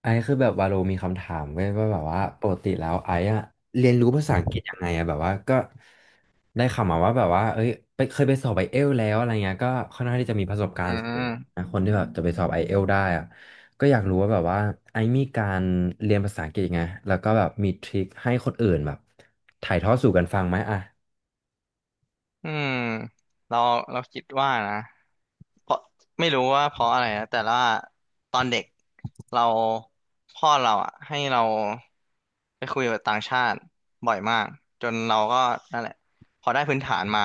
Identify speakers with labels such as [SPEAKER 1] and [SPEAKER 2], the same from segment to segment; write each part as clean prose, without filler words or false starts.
[SPEAKER 1] ไอซ์คือแบบวาโลมีคำถามเว้ยว่าแบบว่าปกติแล้วไอซ์อะเรียนรู้ภาษาอังกฤษยังไงอะแบบว่าก็ได้ข่าวมาว่าแบบว่าเอ้ยไปเคยไปสอบไอเอลแล้วอะไรเงี้ยก็ค่อนข้างที่จะมีประสบกา
[SPEAKER 2] อื
[SPEAKER 1] รณ์สูง
[SPEAKER 2] ม
[SPEAKER 1] นะคนที่แบบจะไปสอบไอเอลได้อะก็อยากรู้ว่าแบบว่าไอซ์มีการเรียนภาษาอังกฤษยังไงแล้วก็แบบมีทริคให้คนอื่นแบบถ่ายทอดสู่กันฟังไหมอะ
[SPEAKER 2] อืมเราเราคิดว่านะเพราะไม่รู้ว่าเพราะอะไรนะแต่ว่าตอนเด็กเราพ่อเราอ่ะให้เราไปคุยกับต่างชาติบ่อยมากจนเราก็นั่นแหละพอได้พื้นฐานมา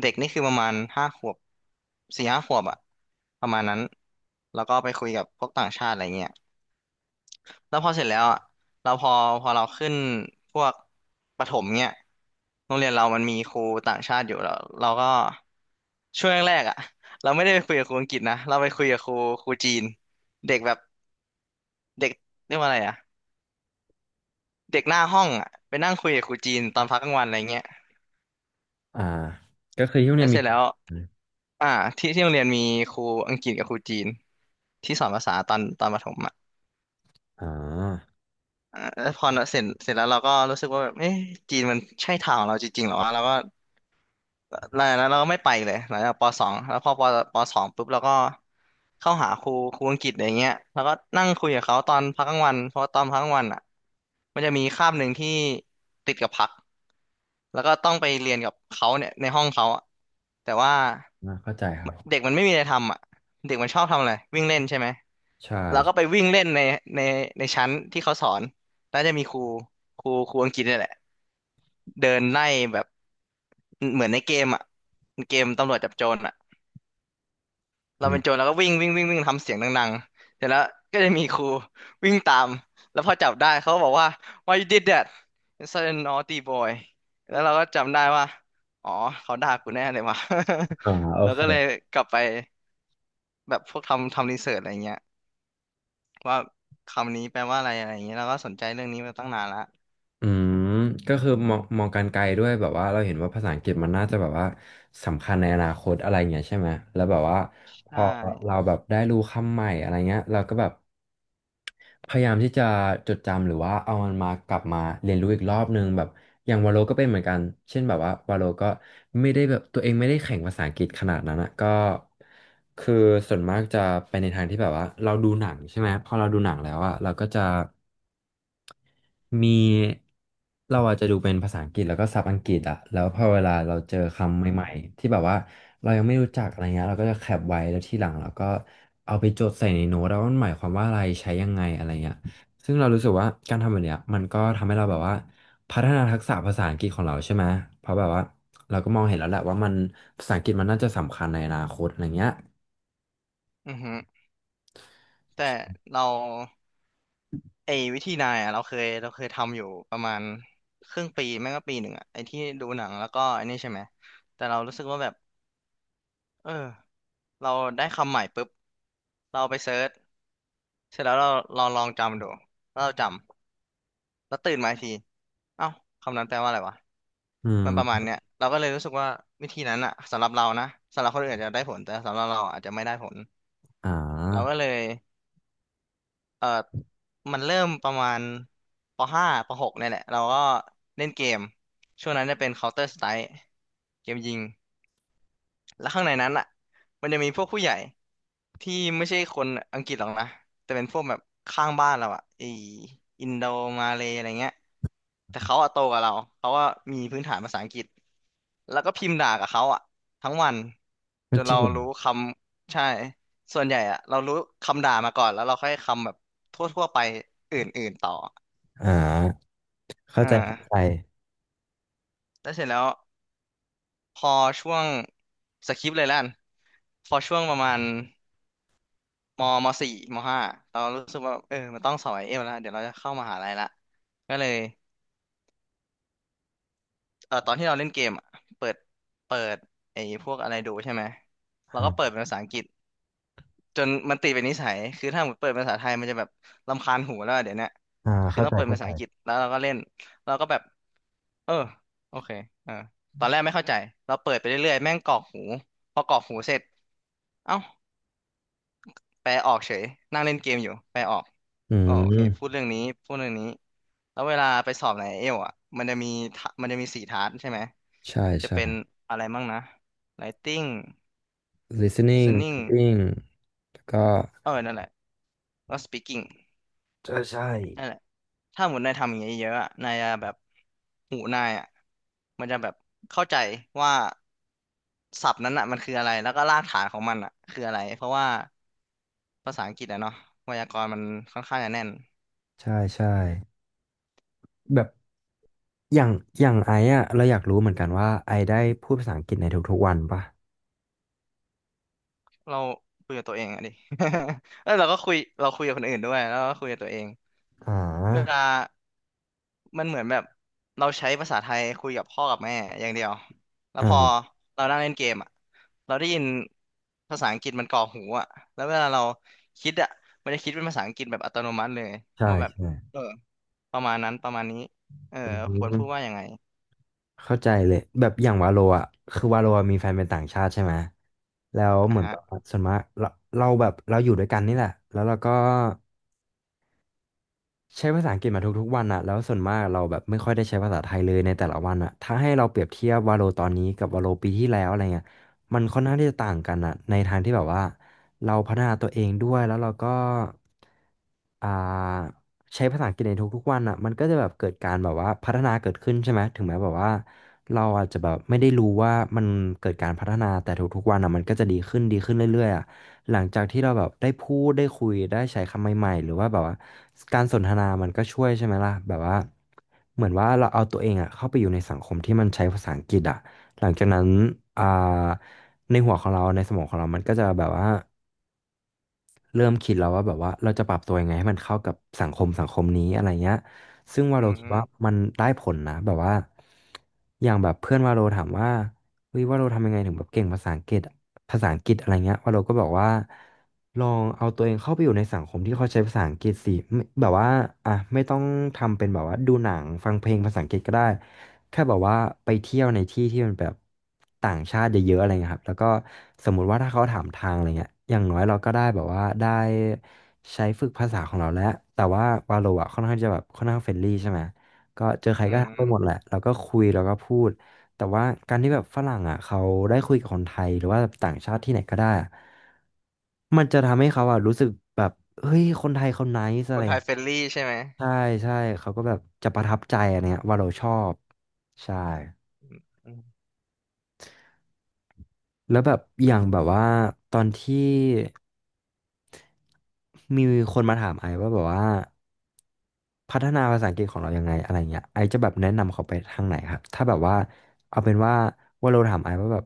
[SPEAKER 2] เด็กนี่คือประมาณห้าขวบสี่ห้าขวบอ่ะประมาณนั้นแล้วก็ไปคุยกับพวกต่างชาติอะไรเงี้ย แล้วพอเสร็จแล้วอ่ะเราพอพอเราขึ้นพวกประถมเนี่ยโรงเรียนเรามันมีครูต่างชาติอยู่แล้วเราก็ช่วงแรกๆอ่ะเราไม่ได้ไปคุยกับครูอังกฤษนะเราไปคุยกับครูจีนเด็กแบบเด็กเรียกว่าอะไรอ่ะเด็กหน้าห้องอ่ะไปนั่งคุยกับครูจีนตอนพักกลางวันอะไรเงี้ย
[SPEAKER 1] อ่าก็คือที่โรง
[SPEAKER 2] แล้
[SPEAKER 1] เรีย
[SPEAKER 2] ว
[SPEAKER 1] น
[SPEAKER 2] เส
[SPEAKER 1] มี
[SPEAKER 2] ร็จแล้วอ่าที่โรงเรียนมีครูอังกฤษกับครูจีนที่สอนภาษาตอนประถมอ่ะ
[SPEAKER 1] อ๋อ
[SPEAKER 2] อ่าแล้วพอเสร็จแล้วเราก็รู้สึกว่าแบบเอ๊ะจีนมันใช่ทางของเราจริงๆเหรอวะเราก็ แล้วแล้วเราก็ไม่ไปเลยหลังจากปสองแล้วพอปสองปุ๊บเราก็เข้าหาครูอังกฤษอะไรเงี้ยแล้วก็นั่งคุยกับเขาตอนพักกลางวันเพราะว่าตอนพักกลางวันอ่ะมันจะมีคาบหนึ่งที่ติดกับพักแล้วก็ต้องไปเรียนกับเขาเนี่ยในห้องเขาอะแต่ว่า
[SPEAKER 1] เข้าใจครับ
[SPEAKER 2] เด็กมันไม่มีอะไรทำอ่ะเด็กมันชอบทำอะไรวิ่งเล่นใช่ไหมเราก็
[SPEAKER 1] ใช่
[SPEAKER 2] ไปวิ่งเล่นในในชั้นที่เขาสอนแล้วจะมีครูอังกฤษเนี่ยแหละเดินไล่แบบ เหมือนในเกมอ่ะเกมตำรวจจับโจรอ่ะเรา
[SPEAKER 1] อื
[SPEAKER 2] เป็นโจ
[SPEAKER 1] ม
[SPEAKER 2] รเราก็วิ่งวิ่งวิ่งวิ่งทำเสียงดังๆเสร็จแล้วก็จะมีครูวิ่งตามแล้วพอจับได้เขาก็บอกว่า why you did that you're such a naughty boy แล้วเราก็จำได้ว่าอ๋อเขาด่ากูแน่เลยว่ะ
[SPEAKER 1] อ่า โอ
[SPEAKER 2] เรา
[SPEAKER 1] เค
[SPEAKER 2] ก็เลยกลับไปแบบพวกทำรีเสิร์ชอะไรเงี้ยว่าคำนี้แปลว่าอะไรอะไรเงี้ยเราก็สนใจเรื่องนี้มาตั้งนานละ
[SPEAKER 1] อืมก็คือมองการไกลด้วยแบบว่าเราเห็นว่าภาษาอังกฤษมันน่าจะแบบว่าสำคัญในอนาคตอะไรเงี้ยใช่ไหมแล้วแบบว่าพ
[SPEAKER 2] ใช
[SPEAKER 1] อเรา
[SPEAKER 2] ่
[SPEAKER 1] แบบได้รู้คำใหม่อะไรเงี้ยเราก็แบบพยายามที่จะจดจำหรือว่าเอามันมากลับมาเรียนรู้อีกรอบนึงแบบอย่างวาโลก็เป็นเหมือนกันเช่นแบบว่าวาโลก็ไม่ได้แบบตัวเองไม่ได้แข่งภาษาอังกฤษขนาดนั้นนะก็คือส่วนมากจะไปในทางที่แบบว่าเราดูหนังใช่ไหมพอเราดูหนังแล้วอะเราก็จะ มีเราอาจจะดูเป็นภาษาอังกฤษแล้วก็ศัพท์อังกฤษอะแล้วพอเวลาเราเจอคำใหม่ๆที่แบบว่าเรายังไม่รู้จักอะไรเงี้ยเราก็จะแคปไว้แล้วทีหลังเราก็เอาไปจดใส่ในโน้ตแล้วามันหมายความว่าอะไรใช้ยังไงอะไรเงี้ยซึ่งเรารู้สึกว่าการทำแบบเนี้ยมันก็ทำให้เราแบบว่าพัฒนาทักษะภาษาอังกฤษของเราใช่ไหมเพราะแบบว่าเราก็มองเห็นแล้วแหละว่ามันภาษาอังกฤษมันน่าจะสำคัญในอนาคตอะไรเงี้ย
[SPEAKER 2] อือฮึแต่เรา ไอ้วิธีนายอ่ะเราเคยทำอยู่ประมาณครึ่งปีแม่งก็ปีหนึ่งอ่ะไอ้ที่ดูหนังแล้วก็ไอ้นี่ใช่ไหมแต่เรารู้สึกว่าแบบเออเราได้คำใหม่ปุ๊บเราไปเซิร์ชเสร็จแล้วเราลองจำดูแล้วเราจำแล้วตื่นมาอีกทีเอ้าคำนั้นแปลว่าอะไรวะ
[SPEAKER 1] อื
[SPEAKER 2] มั
[SPEAKER 1] ม
[SPEAKER 2] นประมาณเนี้ยเราก็เลยรู้สึกว่าวิธีนั้นอ่ะสำหรับเรานะสำหรับคนอื่นอาจจะได้ผลแต่สำหรับเราอาจจะไม่ได้ผล
[SPEAKER 1] อ่า
[SPEAKER 2] เราก็เลย เออมันเริ่มประมาณปห้าปหกเนี่ยแหละเราก็เล่นเกมช่วงนั้นจะเป็น Counter Strike เกมยิง แล้วข้างในนั้นอ่ะมันจะมีพวกผู้ใหญ่ที่ไม่ใช่คนอังกฤษหรอกนะแต่เป็นพวกแบบข้างบ้านเราอ่ะไออินโดมาเลอะไรเงี้ยแต่เขาอะโตกว่าเราเขาว่ามีพื้นฐานภาษาอังกฤษแล้วก็พิมพ์ด่ากับเขาอ่ะทั้งวัน
[SPEAKER 1] ก็
[SPEAKER 2] จน
[SPEAKER 1] จริ
[SPEAKER 2] เรา
[SPEAKER 1] ง
[SPEAKER 2] รู้คำใช่ส่วนใหญ่อ่ะเรารู้คำด่ามาก่อนแล้วเราค่อยคำแบบทั่วๆไปอื่นๆต่อ
[SPEAKER 1] อ่าเข้า
[SPEAKER 2] อ่
[SPEAKER 1] ใจเข้าใจ
[SPEAKER 2] าแล้วเสร็จแล้วพอช่วงสคริปต์เลยแล้วกันพอช่วงประมาณ มมสี่มห้าเรารู้สึกว่าเออมันต้องสอบไอเอฟแล้วเดี๋ยวเราจะเข้ามหาลัยละก็เลยเออตอนที่เราเล่นเกมอะเปิดเปิดไอพวกอะไรดูใช่ไหมเราก็เปิด
[SPEAKER 1] อ่า
[SPEAKER 2] เป็นภาษาอังกฤษจนมันติดเป็นนิสัยคือถ้าหมดเปิดเป็นภาษาไทยมันจะแบบรำคาญหูแล้วอะเดี๋ยวเนี้ย
[SPEAKER 1] อ่า
[SPEAKER 2] คือ
[SPEAKER 1] เข้า
[SPEAKER 2] ต้อ
[SPEAKER 1] ใจ
[SPEAKER 2] งเปิดเป็นภาษาอังกฤษแล้วเราก็เล่นเราก็แบบเออโอเคเออตอนแรกไม่เข้าใจเราเปิดไปเรื่อยๆแม่งกรอกหูพอกรอกหูเสร็จเอ้าแปลออกเฉยนั่งเล่นเกมอยู่แปลออก
[SPEAKER 1] อื
[SPEAKER 2] อ๋อโอเคพูด
[SPEAKER 1] ม
[SPEAKER 2] เรื่องนี้พูดเรื่องนี้แล้วเวลาไปสอบในเอลอ่ะมันจะมีมันจะมีสี่ทาสใช่ไหม
[SPEAKER 1] ใช่
[SPEAKER 2] จะ
[SPEAKER 1] ใช่
[SPEAKER 2] เป็นอะไรมั่งนะ Writing
[SPEAKER 1] listening
[SPEAKER 2] Listening
[SPEAKER 1] reading แล้วก็
[SPEAKER 2] เออนั่นแหละแล้ว Speaking
[SPEAKER 1] ใช่ใช่
[SPEAKER 2] นั่นแหละถ้าหมดนายทำอย่างเงี้ยเยอะอะนายจะแบบหูนายอ่ะมันจะแบบเข้าใจว่าศัพท์นั้นอ่ะมันคืออะไรแล้วก็รากฐานของมันอ่ะคืออะไรเพราะว่าภาษาอังกฤษอะเนาะไวยากรณ์มันค่อนข้างจะแน่น
[SPEAKER 1] ใช่ใช่แบบอย่างไอ้อะเราอยากรู้เหมือนกันว่าไอได้พูดภาษาอังกฤษในทุกๆวันปะ
[SPEAKER 2] เราคุยกับตัวเองอะดิ แล้วเราก็คุยเราคุยกับคนอื่นด้วยแล้วก็คุยกับตัวเอง
[SPEAKER 1] อ่
[SPEAKER 2] เว
[SPEAKER 1] า
[SPEAKER 2] ลามันเหมือนแบบเราใช้ภาษาไทยคุยกับพ่อกับแม่อย่างเดียวแล้ว
[SPEAKER 1] อ่
[SPEAKER 2] พอ
[SPEAKER 1] า
[SPEAKER 2] เรานั่งเล่นเกมอ่ะเราได้ยินภาษาอังกฤษมันก่อหูอ่ะแล้วเวลาเราคิดอ่ะมันจะคิดเป็นภาษาอังกฤษแบบอัตโนมัติเลย
[SPEAKER 1] ใช่
[SPEAKER 2] ว่าแบบ
[SPEAKER 1] ใช่
[SPEAKER 2] เออประมาณนั้นประมาณนี้เออ
[SPEAKER 1] อื
[SPEAKER 2] ควรพู
[SPEAKER 1] ม
[SPEAKER 2] ดว่ายังไง
[SPEAKER 1] เข้าใจเลยแบบอย่างวาโลอะคือวาโลอะมีแฟนเป็นต่างชาติใช่ไหมแล้วเห
[SPEAKER 2] อ่ะ
[SPEAKER 1] มือน
[SPEAKER 2] ฮะ
[SPEAKER 1] แบบว่าส่วนมากเราแบบเราอยู่ด้วยกันนี่แหละแล้วเราก็ ใช้ภาษาอังกฤษมาทุกๆวันอะแล้วส่วนมากเราแบบไม่ค่อยได้ใช้ภาษาไทยเลยในแต่ละวันอะถ้าให้เราเปรียบเทียบวาโลตอนนี้กับวาโลปีที่แล้วอะไรเงี้ยมันค่อนข้างที่จะต่างกันอะในทางที่แบบว่าเราพัฒนาตัวเองด้วยแล้วเราก็อ่าใช้ภาษาอังกฤษในทุกๆวันอะมันก็จะแบบเกิดการแบบว่าพัฒนาเกิดขึ้นใช่ไหมถึงแม้แบบว่าเราอาจจะแบบไม่ได้รู้ว่ามันเกิดการพัฒนาแต่ทุกๆวันอะมันก็จะดีขึ้นเรื่อยๆอะ หลังจากที่เราแบบได้พูดได้คุยได้ใช้คำใหม่ๆหรือว่าแบบว่าการสนทนามันก็ช่วยใช่ไหมล่ะแบบว่าเหมือนว่าเราเอาตัวเองอะเข้าไปอยู่ในสังคมที่มันใช้ภาษาอังกฤษอะหลังจากนั้นอ่าในหัวของเราในสมองของเรามันก็จะแบบว่าเริ่มคิดแล้วว่าแบบว่าเราจะปรับตัวยังไงให้มันเข้ากับสังคมนี้อะไรเงี้ยซึ่งวา
[SPEAKER 2] อื
[SPEAKER 1] โลคิดว่า
[SPEAKER 2] ม
[SPEAKER 1] มันได้ผลนะแบบว่าอย่างแบบเพื่อนวาโลถามว่าเฮ้ยวาโลทำยังไงถึงแบบเก่งภาษาอังกฤษ ภาษาอังกฤษอะไรเงี้ยว่าเราก็บอกว่าลองเอาตัวเองเข้าไปอยู่ในสังคมที่เขาใช้ภาษาอังกฤษสิไม่แบบว่าอ่ะไม่ต้องทำเป็นแบบว่าดูหนังฟังเพลงภาษาอังกฤษก็ได้แค่แบบว่าไปเที่ยวในที่ที่มันแบบต่างชาติเยอะๆอะไรเงี้ยครับแล้วก็สมมุติว่าถ้าเขาถามทางอะไรเงี้ยอย่างน้อยเราก็ได้แบบว่าได้ใช้ฝึกภาษาของเราแล้วแต่ว่าวาโลอ่ะค่อนข้างจะแบบค่อนข้างเฟรนลี่ใช่ไหมก็เจอใคร
[SPEAKER 2] อื
[SPEAKER 1] ก็ทักไปหมด
[SPEAKER 2] ม
[SPEAKER 1] แหละเราก็คุยแล้วก็พูด แต่ว่าการที่แบบฝรั่งอ่ะเขาได้คุยกับคนไทยหรือว่าต่างชาติที่ไหนก็ได้อะมันจะทำให้เขาอ่ะรู้สึกแบบเฮ้ยคนไทยเขาไนซ์อะ
[SPEAKER 2] ค
[SPEAKER 1] ไร
[SPEAKER 2] น
[SPEAKER 1] อ
[SPEAKER 2] ไท
[SPEAKER 1] ย่าง
[SPEAKER 2] ย
[SPEAKER 1] เงี้ย
[SPEAKER 2] เฟรนลี่ใช่ไหม
[SPEAKER 1] ใช่ใช่เขาก็แบบจะประทับใจอะไรเงี้ยว่าเราชอบใช่
[SPEAKER 2] อืม
[SPEAKER 1] แล้วแบบอย่างแบบว่าตอนที่มีคนมาถามไอว่าแบบว่า พัฒนาภาษาอังกฤษของเรายังไงอะไรเงี้ยไอจะแบบแนะนำเขาไปทางไหนครับถ้าแบบว่าเอาเป็นว่าว่าเราถามไอว่าแบบ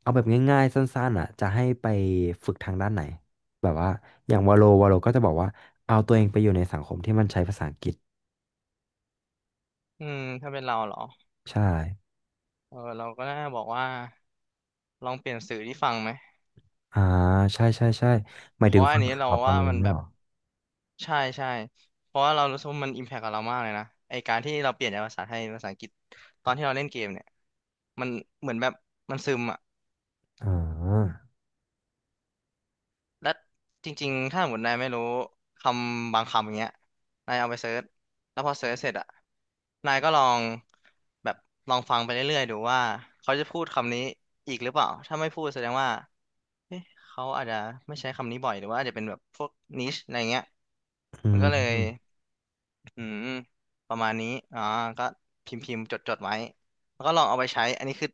[SPEAKER 1] เอาแบบง่ายๆสั้นๆอ่ะจะให้ไปฝึกทางด้านไหนแบบว่าอย่างวาโลก็จะบอกว่าเอาตัวเองไปอยู่ในสังคมที่มันใช้ภาษาอังกฤษ
[SPEAKER 2] อืมถ้าเป็นเราเหรอ
[SPEAKER 1] ใช่
[SPEAKER 2] เออเราก็น่าบอกว่าลองเปลี่ยนสื่อที่ฟังไหม
[SPEAKER 1] อ่าใช่ใช่ใช่หมา
[SPEAKER 2] เพ
[SPEAKER 1] ยถึ
[SPEAKER 2] ราะ
[SPEAKER 1] ง
[SPEAKER 2] ว่า
[SPEAKER 1] ฟั
[SPEAKER 2] อัน
[SPEAKER 1] ง
[SPEAKER 2] นี้เรา
[SPEAKER 1] ข่าวฟัง
[SPEAKER 2] ว่า
[SPEAKER 1] อะไร
[SPEAKER 2] มัน
[SPEAKER 1] เนี่ย
[SPEAKER 2] แบ
[SPEAKER 1] เห
[SPEAKER 2] บ
[SPEAKER 1] รอ
[SPEAKER 2] ใช่ใช่เพราะว่าเรารู้สึกว่ามันอิมแพคกับเรามากเลยนะไอการที่เราเปลี่ยนจากภาษาไทยเป็นภาษาอังกฤษตอนที่เราเล่นเกมเนี่ยมันเหมือนแบบมันซึมอ่ะ
[SPEAKER 1] อ่า
[SPEAKER 2] และจริงๆถ้าสมมตินายไม่รู้คำบางคำอย่างเงี้ยนายเอาไปเซิร์ชแล้วพอเซิร์ชเสร็จอ่ะนายก็ลองแบบลองฟังไปเรื่อยๆดูว่าเขาจะพูดคำนี้อีกหรือเปล่าถ้าไม่พูดแสดงว่า เอ๊ะเขาอาจจะไม่ใช้คำนี้บ่อยหรือว่าอาจจะเป็นแบบพวกนิชอะไรเงี้ย
[SPEAKER 1] อื
[SPEAKER 2] มันก็เลย
[SPEAKER 1] ม
[SPEAKER 2] อืมประมาณนี้อ่าก็พิมพ์จดไว้แล้วก็ลองเอาไปใช้อันนี้คือ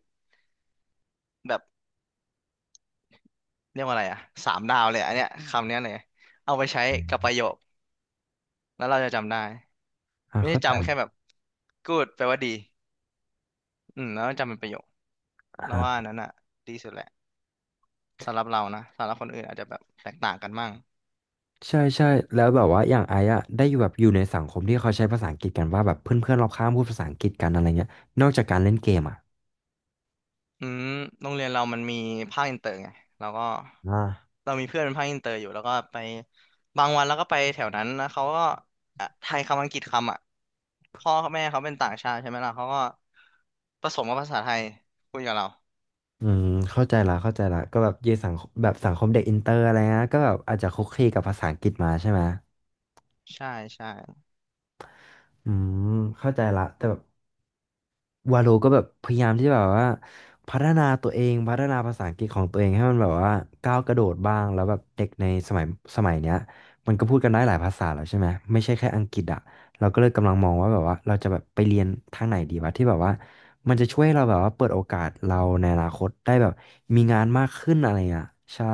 [SPEAKER 2] แบบเรียกว่าอะไรอ่ะสามดาวเลยอันเนี้ยคำเนี้ยเลยเอาไปใช้
[SPEAKER 1] อ
[SPEAKER 2] กับประ
[SPEAKER 1] ม
[SPEAKER 2] โยคแล้วเราจะจำได้
[SPEAKER 1] อ่า
[SPEAKER 2] ไม่ใช่
[SPEAKER 1] เข้าใจ
[SPEAKER 2] จำแค่แบบ good แปลว่าดีอืมแล้วจำเป็นประโยคแล้ว
[SPEAKER 1] อ่
[SPEAKER 2] ว่าอัน
[SPEAKER 1] า
[SPEAKER 2] นั้นอ่ะดีสุดแหละสำหรับเรานะสำหรับคนอื่นอาจจะแบบแตกต่างกันมั่ง
[SPEAKER 1] ใช่ใช่แล้วแบบว่าอย่างไอ้อะได้อยู่แบบอยู่ในสังคมที่เขาใช้ภาษาอังกฤษกันว่าแบบเพื่อนๆรอบข้างพูดภาษาอังกฤษกันอะไรเงี้ยนอกจากการเล่นเกมอะ
[SPEAKER 2] อืมโรงเรียนเรามันมีภาคอินเตอร์ไงเราก็
[SPEAKER 1] อ่า
[SPEAKER 2] เรามีเพื่อนเป็นภาคอินเตอร์อยู่แล้วก็ไปบางวันแล้วก็ไปแถวนั้นนะเขาก็อ่ะไทยคำอังกฤษคำอ่ะพ่อกับแม่เขาเป็นต่างชาติใช่ไหมล่ะเขาก็ผสมกับภาษาไทยคุยกับเรา
[SPEAKER 1] อืมเข้าใจละก็แบบเยสังคมแบบสังคมเด็กอินเตอร์อะไรเงี้ยก็แบบอาจจะคุกคีกับภาษาอังกฤษมาใช่ไหม
[SPEAKER 2] ใช่ใช่
[SPEAKER 1] อืมเข้าใจละแต่แบบ วาโลก็แบบพยายามที่จะแบบว่าพัฒนาตัวเองพัฒนาภาษาอังกฤษของตัวเองให้มันแบบว่าก้าวกระโดดบ้างแล้วแบบเด็กในสมัยเนี้ยมันก็พูดกันได้หลายภาษาแล้วใช่ไหมไม่ใช่แค่อังกฤษอ่ะเราก็เลยกำลังมองว่าแบบว่าเราจะแบบไปเรียนทางไหนดีวะที่แบบว่ามันจะช่วยให้เราแบบว่าเปิดโอกาสเราในอนาคตได้แบบมีงานมากขึ้นอะไรอ่ะใช่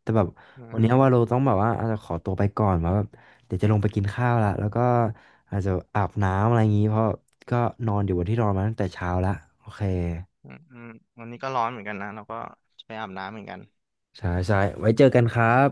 [SPEAKER 1] แต่แบบ
[SPEAKER 2] อื
[SPEAKER 1] วันเนี้ยวา
[SPEAKER 2] ม
[SPEAKER 1] โลต้องแบบว่าอาจจะขอตัวไปก่อนว่าแบบ เดี๋ยวจะลงไปกินข้าวละแล้วก็อาจจะอาบน้ำอะไรอย่างนี้ เพราะก็นอนอยู่บนที่นอนมาตั้งแต่เช้าละโอเค
[SPEAKER 2] อืมวันนี้ก็ร้อนเหมือนกันนะเราก็จะไปอาบน้ำเหมือนกัน
[SPEAKER 1] ใช่ใช่ไว้เจอกันครับ